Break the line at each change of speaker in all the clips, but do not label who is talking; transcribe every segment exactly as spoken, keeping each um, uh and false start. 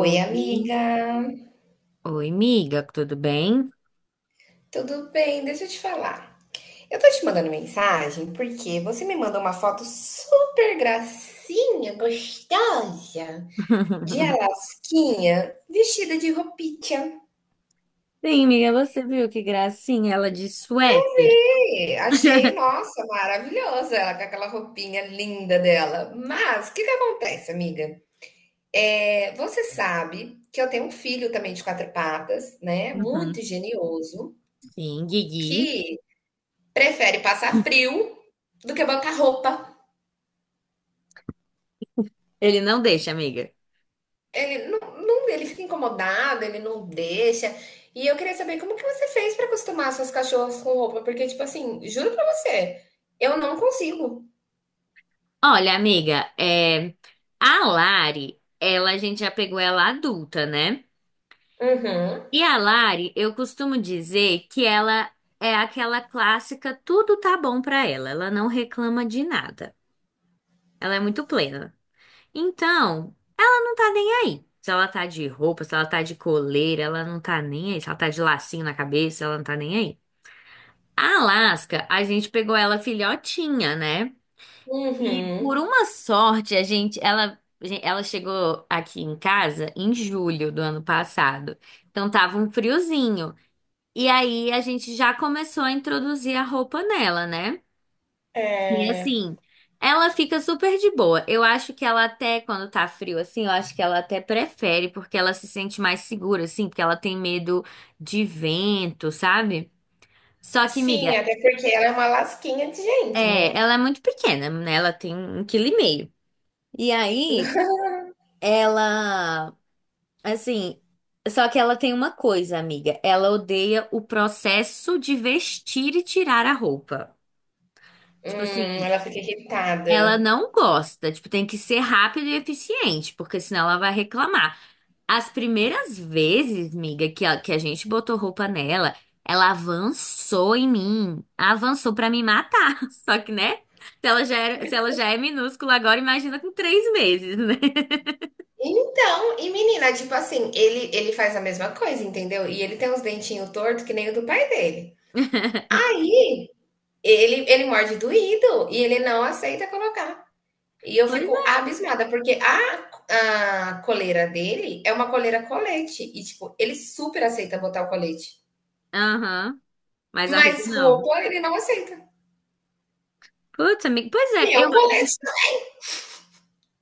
Oi, amiga.
oi, miga, tudo bem?
Tudo bem? Deixa eu te falar. Eu tô te mandando mensagem porque você me mandou uma foto super gracinha, gostosa, de Alasquinha, vestida de roupinha.
Sim, miga, você viu que gracinha ela de suéter.
E achei, nossa, maravilhosa ela com aquela roupinha linda dela. Mas o que que acontece, amiga? É, você sabe que eu tenho um filho também de quatro patas, né?
Uhum.
Muito genioso,
Sim, Guigui.
que prefere passar frio do que bancar roupa.
Ele não deixa, amiga.
Ele não, não- ele fica incomodado, ele não deixa. E eu queria saber como que você fez para acostumar suas cachorras com roupa, porque tipo assim, juro pra você, eu não consigo.
Olha, amiga, é, a Lari, ela, a gente já pegou ela adulta, né?
Uhum.
E a Lari, eu costumo dizer que ela é aquela clássica, tudo tá bom pra ela, ela não reclama de nada, ela é muito plena. Então, não tá nem aí. Se ela tá de roupa, se ela tá de coleira, ela não tá nem aí. Se ela tá de lacinho na cabeça, ela não tá nem aí. A Alaska, a gente pegou ela filhotinha, né? E por
Uhum.
uma sorte, a gente, ela, ela chegou aqui em casa em julho do ano passado. Então tava um friozinho. E aí a gente já começou a introduzir a roupa nela, né? E
É,
assim, ela fica super de boa. Eu acho que ela até, quando tá frio assim, eu acho que ela até prefere, porque ela se sente mais segura, assim, porque ela tem medo de vento, sabe? Só que,
sim,
miga,
até porque ela é uma lasquinha de gente,
é,
né?
ela é muito pequena, né? Ela tem um quilo e meio. E aí, ela, assim, só que ela tem uma coisa, amiga. Ela odeia o processo de vestir e tirar a roupa. Tipo
Hum,
assim.
ela fica
Ela
irritada.
não gosta, tipo, tem que ser rápido e eficiente, porque senão ela vai reclamar. As primeiras vezes, miga, que a, que a gente botou roupa nela, ela avançou em mim, avançou pra me matar. Só que, né? Se ela já era, se ela já é minúscula agora, imagina com três meses, né?
Então, e menina, tipo assim, ele ele faz a mesma coisa, entendeu? E ele tem uns dentinhos tortos que nem o do pai dele. Aí, ele ele morde doído e ele não aceita colocar. E eu
Pois
fico
é.
abismada, porque a a coleira dele é uma coleira colete e, tipo, ele super aceita botar o colete,
Aham. Mas a roupa
mas
não.
roupa ele não aceita.
Putz, amiga. Pois é,
E é um colete.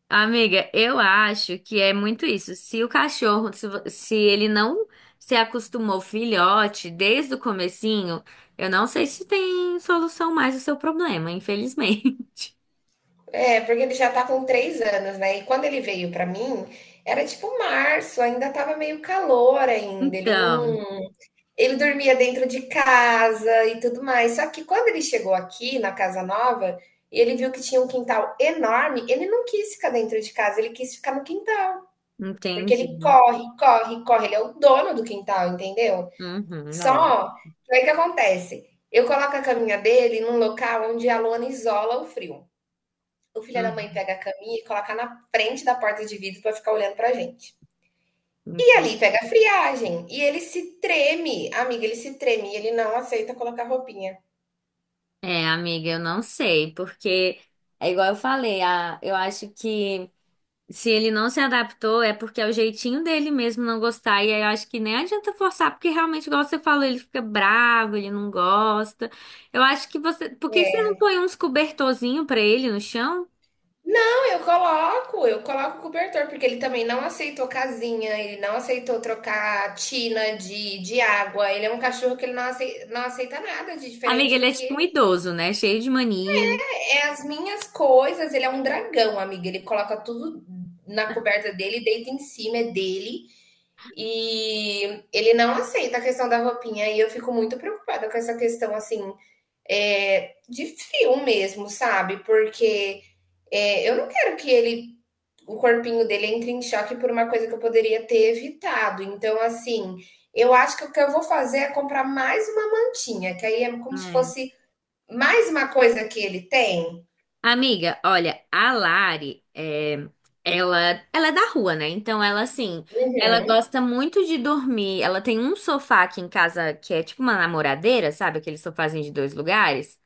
amiga, eu acho que é muito isso. Se o cachorro, se, vo- se ele não se acostumou filhote desde o comecinho, eu não sei se tem solução mais o seu problema, infelizmente.
É, porque ele já tá com três anos, né, e quando ele veio pra mim, era tipo março, ainda estava meio calor ainda, ele
Então,
não ele dormia dentro de casa e tudo mais. Só que quando ele chegou aqui na casa nova, e ele viu que tinha um quintal enorme, ele não quis ficar dentro de casa, ele quis ficar no quintal. Porque
entendi.
ele corre, corre, corre. Ele é o dono do quintal, entendeu?
Uhum, da hora.
Só que aí que acontece? Eu coloco a caminha dele num local onde a lona isola o frio. O filho da mãe
Uhum,
pega a caminha e coloca na frente da porta de vidro para ficar olhando pra gente. E
ent-
ali pega a friagem. E ele se treme, amiga, ele se treme. E ele não aceita colocar roupinha.
é, amiga, eu não sei, porque é igual eu falei, a, eu acho que se ele não se adaptou, é porque é o jeitinho dele mesmo não gostar. E aí eu acho que nem adianta forçar, porque realmente, igual você falou, ele fica bravo, ele não gosta. Eu acho que você. Por que que você não põe uns cobertorzinho pra ele no chão?
Não, eu coloco, eu coloco o cobertor, porque ele também não aceitou casinha, ele não aceitou trocar tina de, de água. Ele é um cachorro que ele não aceita, não aceita nada de
Amiga,
diferente
ele
do
é tipo um
que
idoso, né? Cheio de mania.
é as minhas coisas. Ele é um dragão, amiga. Ele coloca tudo na coberta dele, deita em cima, é dele. E ele não aceita a questão da roupinha. E eu fico muito preocupada com essa questão, assim, é, de frio mesmo, sabe? Porque. É, eu não quero que ele o corpinho dele entra em choque por uma coisa que eu poderia ter evitado. Então, assim, eu acho que o que eu vou fazer é comprar mais uma mantinha, que aí é como se
É.
fosse mais uma coisa que ele tem.
Amiga, olha, a Lari, é, ela, ela é da rua, né? Então ela, assim, ela
Uhum.
gosta muito de dormir. Ela tem um sofá aqui em casa que é tipo uma namoradeira, sabe? Aquele sofazinho de dois lugares.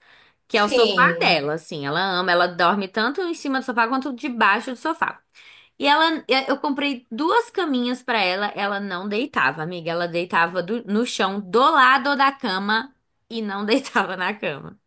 Que é o sofá
Sim.
dela, assim. Ela ama, ela dorme tanto em cima do sofá quanto debaixo do sofá. E ela, eu comprei duas caminhas pra ela, ela não deitava, amiga. Ela deitava do- no chão do lado da cama e não deitava na cama.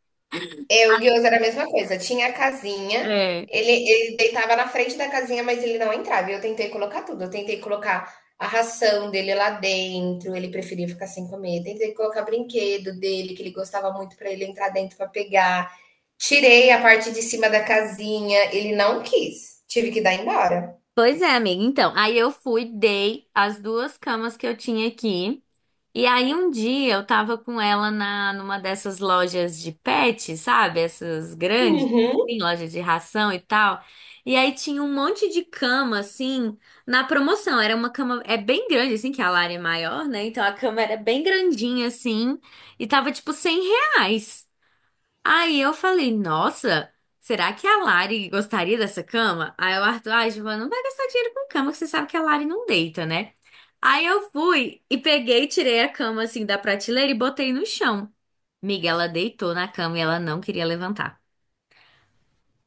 Eu, o Guioso era a mesma coisa, tinha a casinha.
É.
Ele, ele deitava na frente da casinha, mas ele não entrava. E eu tentei colocar tudo. Eu tentei colocar a ração dele lá dentro, ele preferia ficar sem comer. Tentei colocar brinquedo dele, que ele gostava muito, para ele entrar dentro para pegar. Tirei a parte de cima da casinha, ele não quis. Tive que dar embora.
Pois é, amiga. Então, aí eu fui, dei as duas camas que eu tinha aqui. E aí um dia eu tava com ela na numa dessas lojas de pet, sabe? Essas grandes, assim,
Uhum.
lojas de ração e tal. E aí tinha um monte de cama assim na promoção. Era uma cama é bem grande assim, que a Lara é maior, né? Então a cama era bem grandinha assim e tava tipo cem reais. Aí eu falei, nossa, será que a Lari gostaria dessa cama? Aí o Arthur, ai, Giovana, não vai gastar dinheiro com cama, que você sabe que a Lari não deita, né? Aí eu fui e peguei, tirei a cama assim da prateleira e botei no chão. Miga, ela deitou na cama e ela não queria levantar.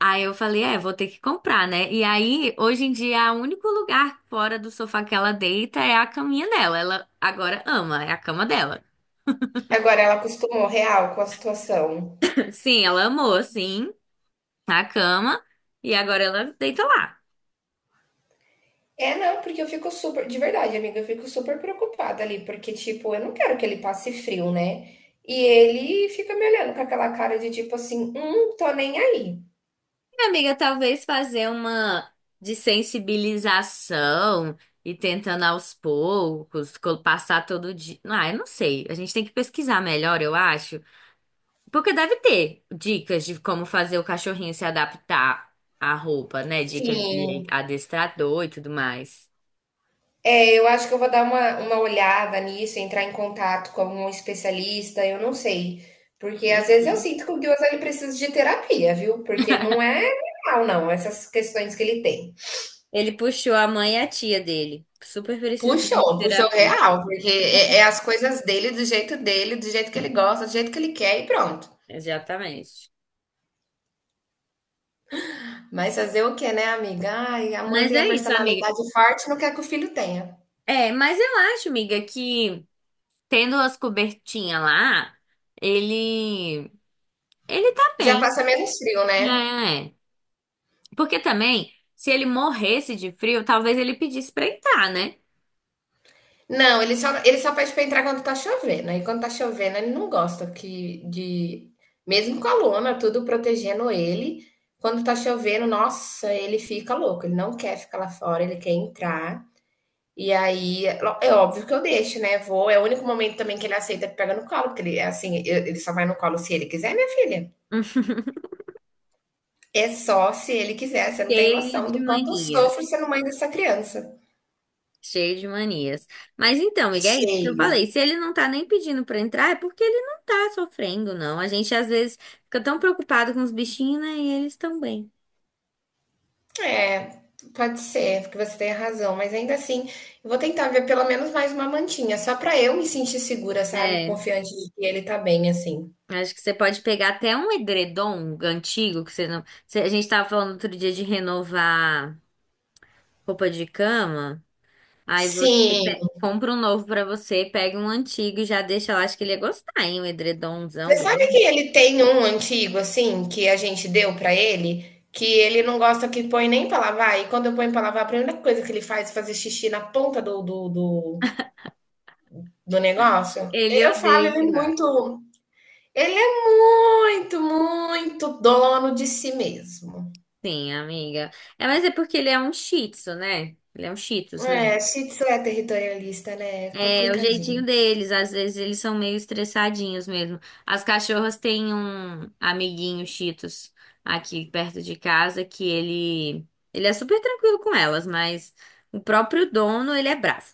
Aí eu falei, é, vou ter que comprar, né? E aí, hoje em dia, o único lugar fora do sofá que ela deita é a caminha dela. Ela agora ama, é a cama dela.
Agora ela acostumou real com a situação.
Sim, ela amou, sim, a cama. E agora ela deita lá.
É, não, porque eu fico super, de verdade, amiga, eu fico super preocupada ali, porque, tipo, eu não quero que ele passe frio, né? E ele fica me olhando com aquela cara de tipo assim, hum, tô nem aí.
Amiga, talvez fazer uma desensibilização e tentando aos poucos, co- passar todo dia. Ah, eu não sei. A gente tem que pesquisar melhor, eu acho. Porque deve ter dicas de como fazer o cachorrinho se adaptar à roupa, né? Dica de
Sim,
adestrador e tudo mais.
é, eu acho que eu vou dar uma, uma olhada nisso, entrar em contato com algum especialista, eu não sei. Porque às vezes eu
Uhum.
sinto que o Gyoza ele precisa de terapia, viu? Porque não é real, não, essas questões que ele tem.
Ele puxou a mãe e a tia dele. Super precisando de
Puxou, puxou
terapia.
real, porque é, é as coisas dele, do jeito dele, do jeito que ele gosta, do jeito que ele quer e pronto.
Exatamente.
Mas fazer o quê, né, amiga? Ai, a mãe
Mas
tem a
é isso, amiga.
personalidade forte, não quer que o filho tenha.
É, mas eu acho, amiga, que tendo as cobertinhas lá, ele ele tá
Já
bem,
passa menos frio, né?
né? Porque também, se ele morresse de frio, talvez ele pedisse pra entrar, né?
Não, ele só, ele só pede pra entrar quando tá chovendo. Aí quando tá chovendo, ele não gosta que de. Mesmo com a lona, tudo protegendo ele. Quando tá chovendo, nossa, ele fica louco. Ele não quer ficar lá fora, ele quer entrar. E aí, é é óbvio que eu deixo, né? Vou. É o único momento também que ele aceita que pega no colo, porque ele, é assim, eu- ele só vai no colo se ele quiser, minha filha.
Hum.
É só se ele quiser. Você não tem
Cheio
noção
de
do quanto eu
manias,
sofro sendo mãe dessa criança.
cheio de manias. Mas então, amiga, é isso que eu
Cheio.
falei. Se ele não tá nem pedindo pra entrar, é porque ele não tá sofrendo, não. A gente às vezes fica tão preocupado com os bichinhos, né? E eles estão bem.
É, pode ser, porque você tem razão, mas ainda assim, eu vou tentar ver pelo menos mais uma mantinha, só para eu me sentir segura, sabe?
É,
Confiante de que ele tá bem, assim.
acho que você pode pegar até um edredom antigo que você não. você- A gente tava falando outro dia de renovar. Roupa de cama? Aí você
Sim.
pe- compra um novo pra você, pega um antigo e já deixa lá. Acho que ele ia gostar, hein? Um
Você
edredomzão
sabe que
grande.
ele tem um antigo, assim, que a gente deu pra ele, que ele não gosta que põe nem pra lavar, e quando eu ponho pra lavar, a primeira coisa que ele faz é fazer xixi na ponta do, do, do, do negócio?
Ele
Eu falo,
odeia
ele é
que lá.
muito. Ele é muito, muito dono de si mesmo.
Sim, amiga. É, mas é porque ele é um shih tzu, né? Ele é um shih tzus, né?
É, Shih Tzu é territorialista, né? É
É, o
complicadinho.
jeitinho deles. Às vezes eles são meio estressadinhos mesmo. As cachorras têm um amiguinho shih tzus aqui perto de casa que ele... Ele é super tranquilo com elas, mas o próprio dono, ele é bravo.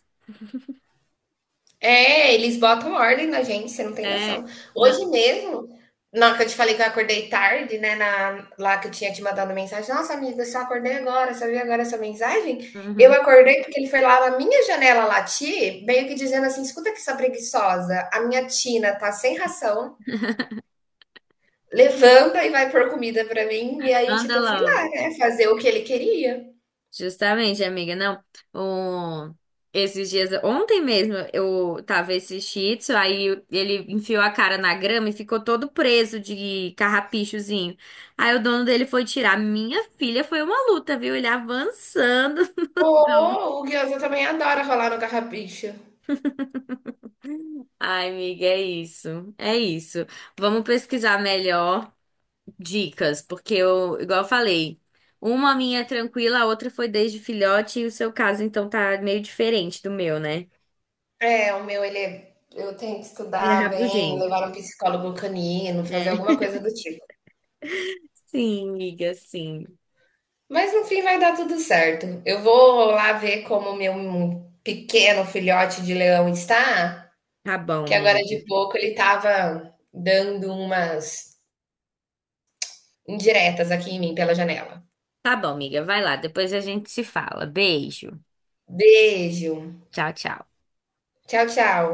É, eles botam ordem na gente, você não tem
É,
noção.
não.
Hoje mesmo, na hora que eu te falei que eu acordei tarde, né? Na, lá que eu tinha te mandado mensagem, nossa amiga, eu só acordei agora, só vi agora essa mensagem. Eu
Uhum.
acordei porque ele foi lá na minha janela latir, meio que dizendo assim: escuta que sua preguiçosa, a minha tina tá sem ração, levanta e vai pôr comida pra mim. E aí, tipo,
Anda
eu fui lá,
logo.
né? Fazer o que ele queria.
Justamente, amiga. Não, o- esses dias, ontem mesmo, eu tava esse Shih Tzu, aí ele enfiou a cara na grama e ficou todo preso de carrapichozinho. Aí o dono dele foi tirar. Minha filha foi uma luta, viu? Ele avançando.
Oh, o Guiosa também adora rolar no carrapicho.
Ai, amiga, é isso. É isso. Vamos pesquisar melhor dicas, porque eu, igual eu falei, uma minha é tranquila, a outra foi desde filhote, e o seu caso, então, tá meio diferente do meu, né?
É, o meu ele é eu tenho que
Ele é
estudar bem,
rabugento,
levar um psicólogo canino, fazer
né?
alguma coisa do tipo.
Sim, amiga, sim.
Mas no fim vai dar tudo certo. Eu vou lá ver como o meu pequeno filhote de leão está,
Tá bom,
porque agora de
amiga.
pouco ele estava dando umas indiretas aqui em mim pela janela.
Tá bom, amiga, vai lá, depois a gente se fala. Beijo.
Beijo.
Tchau, tchau.
Tchau, tchau.